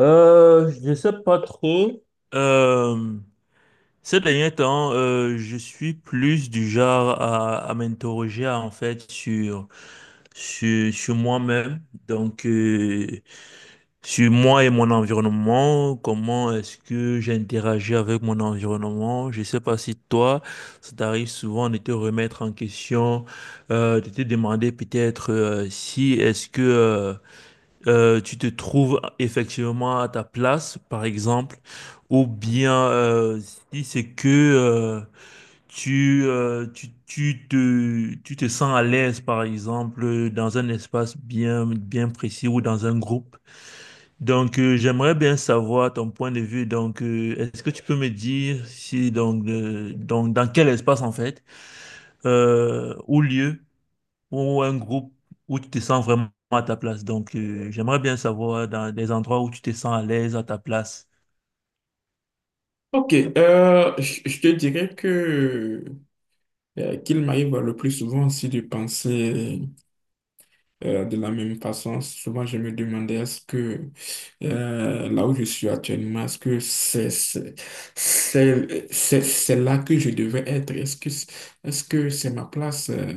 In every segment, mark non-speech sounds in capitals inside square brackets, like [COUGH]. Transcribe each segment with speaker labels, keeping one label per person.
Speaker 1: Je sais pas trop. Euh, Ces derniers temps, je suis plus du genre à m'interroger en fait sur moi-même, donc euh, sur moi et mon environnement, comment est-ce que j'interagis avec mon environnement. Je sais pas si toi, ça t'arrive souvent de te remettre en question, de te demander peut-être si tu te trouves effectivement à ta place, par exemple, ou bien si c'est que tu te sens à l'aise, par exemple, dans un espace bien précis ou dans un groupe. J'aimerais bien savoir ton point de vue. Est-ce que tu peux me dire si, donc, dans quel espace, en fait, ou lieu ou un groupe où tu te sens vraiment à ta place. J'aimerais bien savoir dans des endroits où tu te sens à l'aise à ta place.
Speaker 2: Ok, je te dirais que qu'il m'arrive le plus souvent aussi de penser de la même façon. Souvent, je me demandais est-ce que là où je suis actuellement, est-ce que c'est là que je devais être? Est-ce que c'est ma place?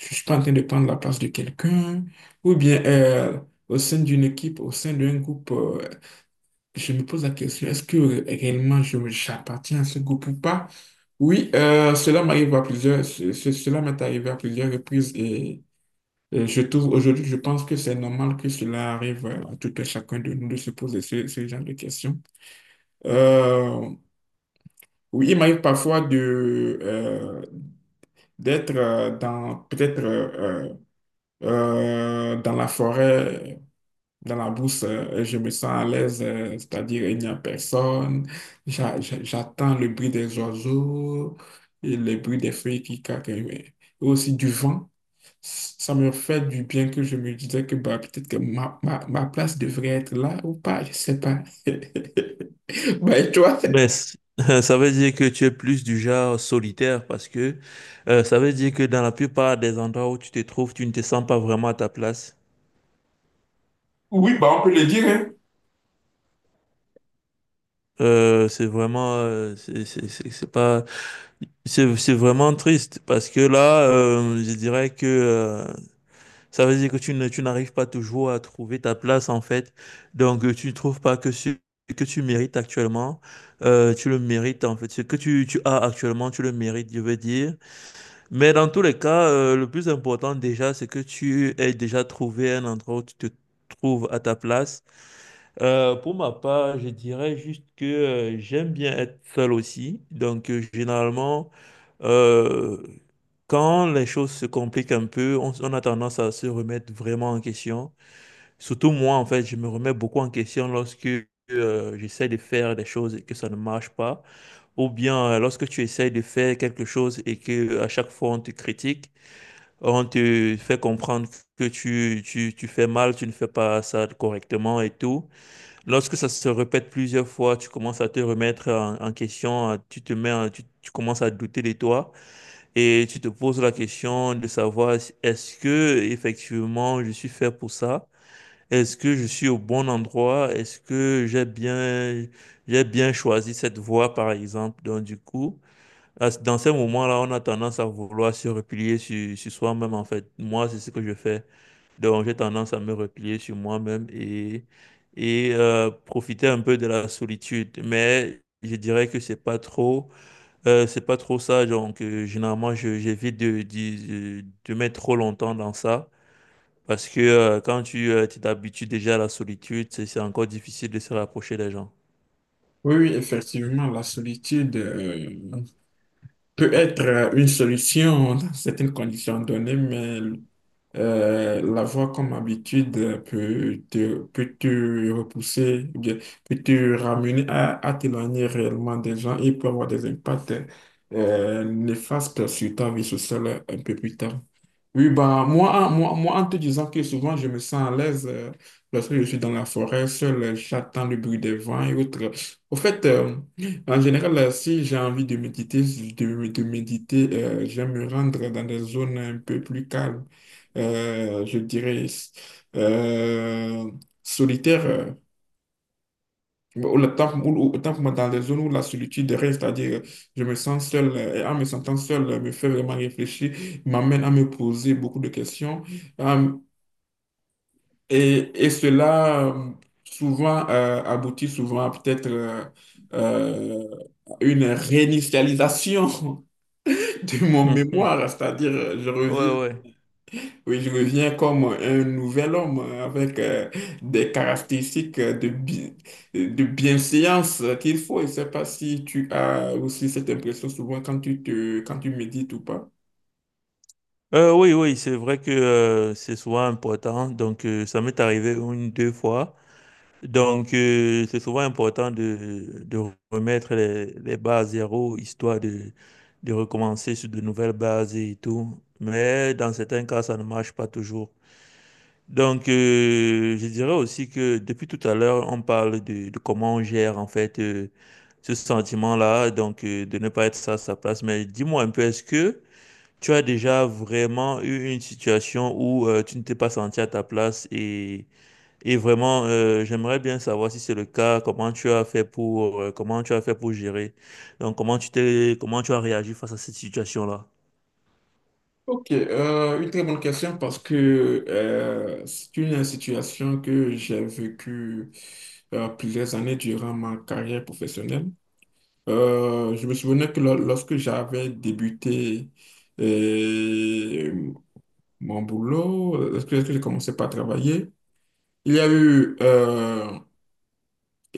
Speaker 2: Je suis pas en train de prendre la place de quelqu'un? Ou bien, au sein d'une équipe, au sein d'un groupe? Je me pose la question, est-ce que réellement j'appartiens à ce groupe ou pas? Oui, cela m'arrive à plusieurs, cela m'est arrivé à plusieurs reprises, et je trouve aujourd'hui, je pense que c'est normal que cela arrive à tout et chacun de nous de se poser ce, ce genre de questions. Euh, oui, il m'arrive parfois de d'être, dans peut-être, dans la forêt. Dans la brousse, je me sens à l'aise, c'est-à-dire il n'y a personne. J'attends le bruit des oiseaux et le bruit des feuilles qui craquent, mais aussi du vent. Ça me fait du bien, que je me disais que bah, peut-être que ma place devrait être là ou pas, je sais pas. [LAUGHS] Bah, et toi?
Speaker 1: Ben, [LAUGHS] ça veut dire que tu es plus du genre solitaire parce que ça veut dire que dans la plupart des endroits où tu te trouves, tu ne te sens pas vraiment à ta place.
Speaker 2: Oui, bah, on peut le dire, hein.
Speaker 1: C'est vraiment, c'est- C'est pas, c'est vraiment triste parce que là, je dirais que ça veut dire que tu n'arrives pas toujours à trouver ta place, en fait. Tu ne trouves pas que ce que tu mérites actuellement, tu le mérites, en fait. Ce que tu as actuellement, tu le mérites, je veux dire. Mais dans tous les cas, le plus important déjà, c'est que tu aies déjà trouvé un endroit où tu te trouves à ta place. Pour ma part, je dirais juste que j'aime bien être seul aussi. Généralement, euh, quand les choses se compliquent un peu, on a tendance à se remettre vraiment en question. Surtout moi, en fait, je me remets beaucoup en question lorsque j'essaie de faire des choses et que ça ne marche pas. Ou bien lorsque tu essayes de faire quelque chose et que à chaque fois on te critique, on te fait comprendre que tu fais mal, tu ne fais pas ça correctement et tout. Lorsque ça se répète plusieurs fois, tu commences à te remettre en question, à- tu te mets, en- tu commences à douter de toi et tu te poses la question de savoir est-ce que effectivement je suis fait pour ça? Est-ce que je suis au bon endroit? Est-ce que j'ai bien choisi cette voie, par exemple? Donc, du coup, dans ces moments-là, on a tendance à vouloir se replier sur soi-même, en fait. Moi, c'est ce que je fais. Donc, j'ai tendance à me replier sur moi-même et, et profiter un peu de la solitude. Mais je dirais que c'est pas trop ça. Généralement, j'évite de mettre trop longtemps dans ça. Parce que quand tu t'habitues déjà à la solitude, c'est encore difficile de se rapprocher des gens.
Speaker 2: Oui, oui, effectivement, la solitude peut être, une solution dans certaines conditions données, mais l'avoir comme habitude peut te repousser, ou bien peut te ramener à t'éloigner réellement des gens et peut avoir des impacts néfastes sur ta vie sociale un peu plus tard. Oui, bah, moi, en te disant que souvent je me sens à l'aise lorsque je suis dans la forêt, seul, j'attends le bruit des vents et autres. Au fait, en général, si j'ai envie de méditer, de méditer, j'aime me rendre dans des zones un peu plus calmes, je dirais, euh, solitaires. Ou le temps, autant pour moi, dans les zones où la solitude règne, c'est-à-dire, je me sens seul, et en me sentant seul, me fait vraiment réfléchir, m'amène à me poser beaucoup de questions. Euh, et cela, souvent, aboutit souvent à peut-être, euh, une réinitialisation [LAUGHS] de mon mémoire,
Speaker 1: [LAUGHS]
Speaker 2: c'est-à-dire, je
Speaker 1: Ouais,
Speaker 2: reviens,
Speaker 1: ouais.
Speaker 2: oui, je reviens comme un nouvel homme, avec des caractéristiques de, de bienséance qu'il faut. Je ne sais pas si tu as aussi cette impression souvent quand tu te, quand tu médites ou pas.
Speaker 1: Oui, oui, c'est vrai que c'est souvent important. Ça m'est arrivé une, deux fois. C'est souvent important de remettre les bases à zéro, histoire de recommencer sur de nouvelles bases et tout. Mais dans certains cas, ça ne marche pas toujours. Je dirais aussi que depuis tout à l'heure, on parle de comment on gère en fait ce sentiment-là, de ne pas être ça à sa place. Mais dis-moi un peu, est-ce que... tu as déjà vraiment eu une situation où tu ne t'es pas senti à ta place et vraiment j'aimerais bien savoir si c'est le cas, comment tu as fait pour gérer. Donc comment tu as réagi face à cette situation-là?
Speaker 2: Ok, une très bonne question, parce que c'est une situation que j'ai vécue plusieurs années durant ma carrière professionnelle. Je me souvenais que lorsque j'avais débuté, euh, mon boulot, est-ce que j'ai commencé à travailler? Il y a eu, euh,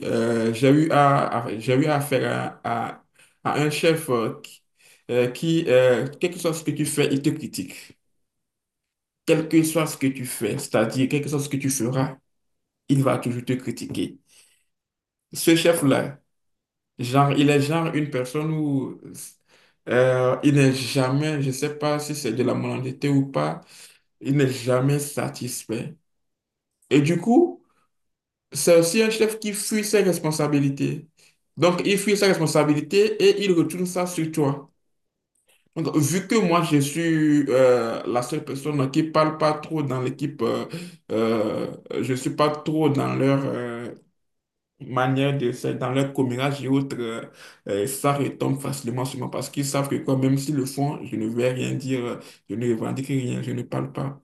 Speaker 2: euh, j'ai eu à, j'ai eu affaire à, à un chef, qui, quel que soit ce que tu fais, il te critique. Quel que soit ce que tu fais, c'est-à-dire quel que soit ce que tu feras, il va toujours te critiquer. Ce chef-là, genre, il est genre une personne où, il n'est jamais, je sais pas si c'est de la malhonnêteté ou pas, il n'est jamais satisfait. Et du coup, c'est aussi un chef qui fuit ses responsabilités. Donc, il fuit ses responsabilités et il retourne ça sur toi. Donc, vu que moi, je suis la seule personne qui parle pas trop dans l'équipe, euh, je suis pas trop dans leur, manière de faire, dans leur commérage et autres, ça retombe facilement sur moi parce qu'ils savent que quoi, même s'ils le font, je ne vais rien dire, je ne revendique rien, je ne parle pas.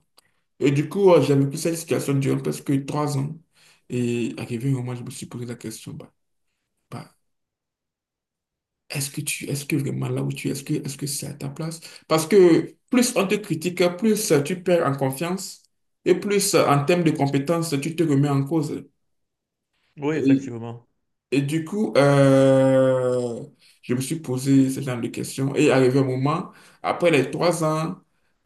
Speaker 2: Et du coup, j'ai vécu cette situation durant presque 3 ans. Et arrivé un moment, je me suis posé la question, bah, est-ce que tu, est-ce que vraiment là où tu es, est-ce que c'est à ta place? Parce que plus on te critique, plus tu perds en confiance, et plus en termes de compétences, tu te remets en cause.
Speaker 1: Oui,
Speaker 2: Et
Speaker 1: effectivement.
Speaker 2: Et du coup, je me suis posé ce genre de questions, et arrivé un moment, après les 3 ans,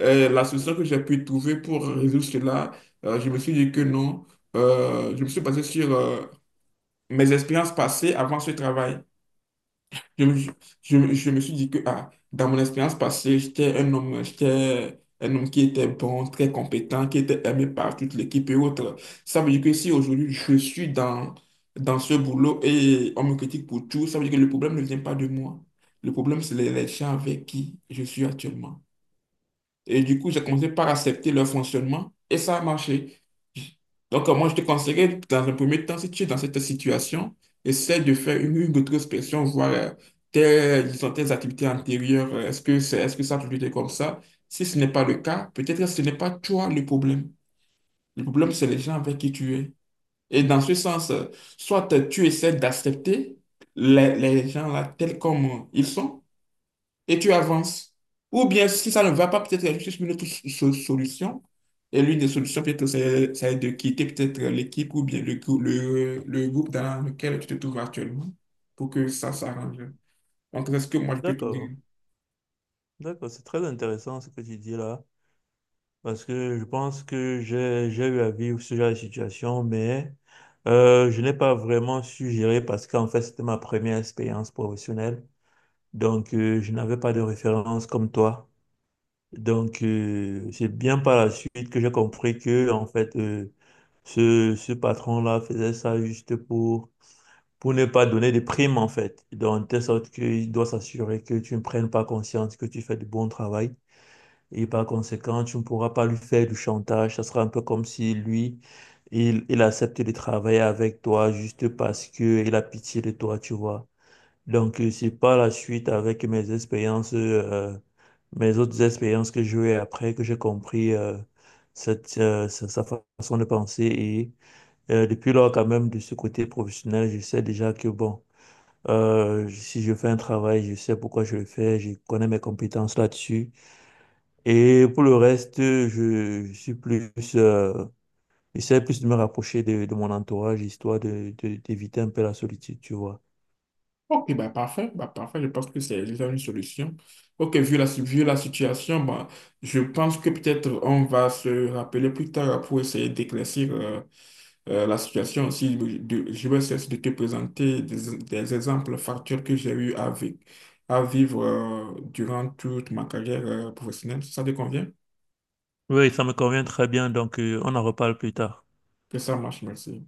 Speaker 2: la solution que j'ai pu trouver pour résoudre cela, je me suis dit que non, je me suis basé sur mes expériences passées avant ce travail. Je me, je me suis dit que ah, dans mon expérience passée, j'étais un homme qui était bon, très compétent, qui était aimé par toute l'équipe et autres. Ça veut dire que si aujourd'hui je suis dans, dans ce boulot et on me critique pour tout, ça veut dire que le problème ne vient pas de moi. Le problème, c'est les gens avec qui je suis actuellement. Et du coup, j'ai commencé par accepter leur fonctionnement et ça a marché. Donc, moi, je te conseillerais, dans un premier temps, si tu es dans cette situation, essaie de faire une introspection, voir tes, disons, tes activités antérieures. Est-ce que c'est, est-ce que ça a toujours été comme ça? Si ce n'est pas le cas, peut-être que ce n'est pas toi le problème. Le problème, c'est les gens avec qui tu es. Et dans ce sens, soit tu essaies d'accepter les gens là tels comme ils sont, et tu avances. Ou bien, si ça ne va pas, peut-être il y a juste une autre solution. Et l'une des solutions, peut-être, c'est de quitter peut-être l'équipe ou bien le, le groupe dans lequel tu te trouves actuellement pour que ça s'arrange. Donc, c'est ce que moi, je peux te dire.
Speaker 1: D'accord. D'accord, c'est très intéressant ce que tu dis là parce que je pense que j'ai eu à vivre ce genre de situation mais je n'ai pas vraiment su gérer parce qu'en fait c'était ma première expérience professionnelle. Je n'avais pas de référence comme toi. C'est bien par la suite que j'ai compris que, en fait, ce patron-là faisait ça juste pour ne pas donner de primes, en fait. Donc, de telle sorte qu'il doit s'assurer que tu ne prennes pas conscience que tu fais du bon travail. Et par conséquent, tu ne pourras pas lui faire du chantage. Ça sera un peu comme si lui, il accepte de travailler avec toi juste parce que il a pitié de toi, tu vois. C'est par la suite, avec mes expériences, mes autres expériences que j'ai eues après, que j'ai compris sa façon de penser. Et depuis lors, quand même, de ce côté professionnel, je sais déjà que, bon, si je fais un travail, je sais pourquoi je le fais, je connais mes compétences là-dessus. Et pour le reste, je suis plus... j'essaie plus de me rapprocher de mon entourage, histoire d'éviter un peu la solitude, tu vois.
Speaker 2: Ok, bah parfait, je pense que c'est déjà une solution. Ok, vu la, si-, vu la situation, bah, je pense que peut-être on va se rappeler plus tard pour essayer d'éclaircir, la situation aussi, je vais cesser de te présenter des exemples factuels que j'ai eu à, à vivre durant toute ma carrière professionnelle. Ça te convient?
Speaker 1: Oui, ça me convient très bien, on en reparle plus tard.
Speaker 2: Que ça marche, merci.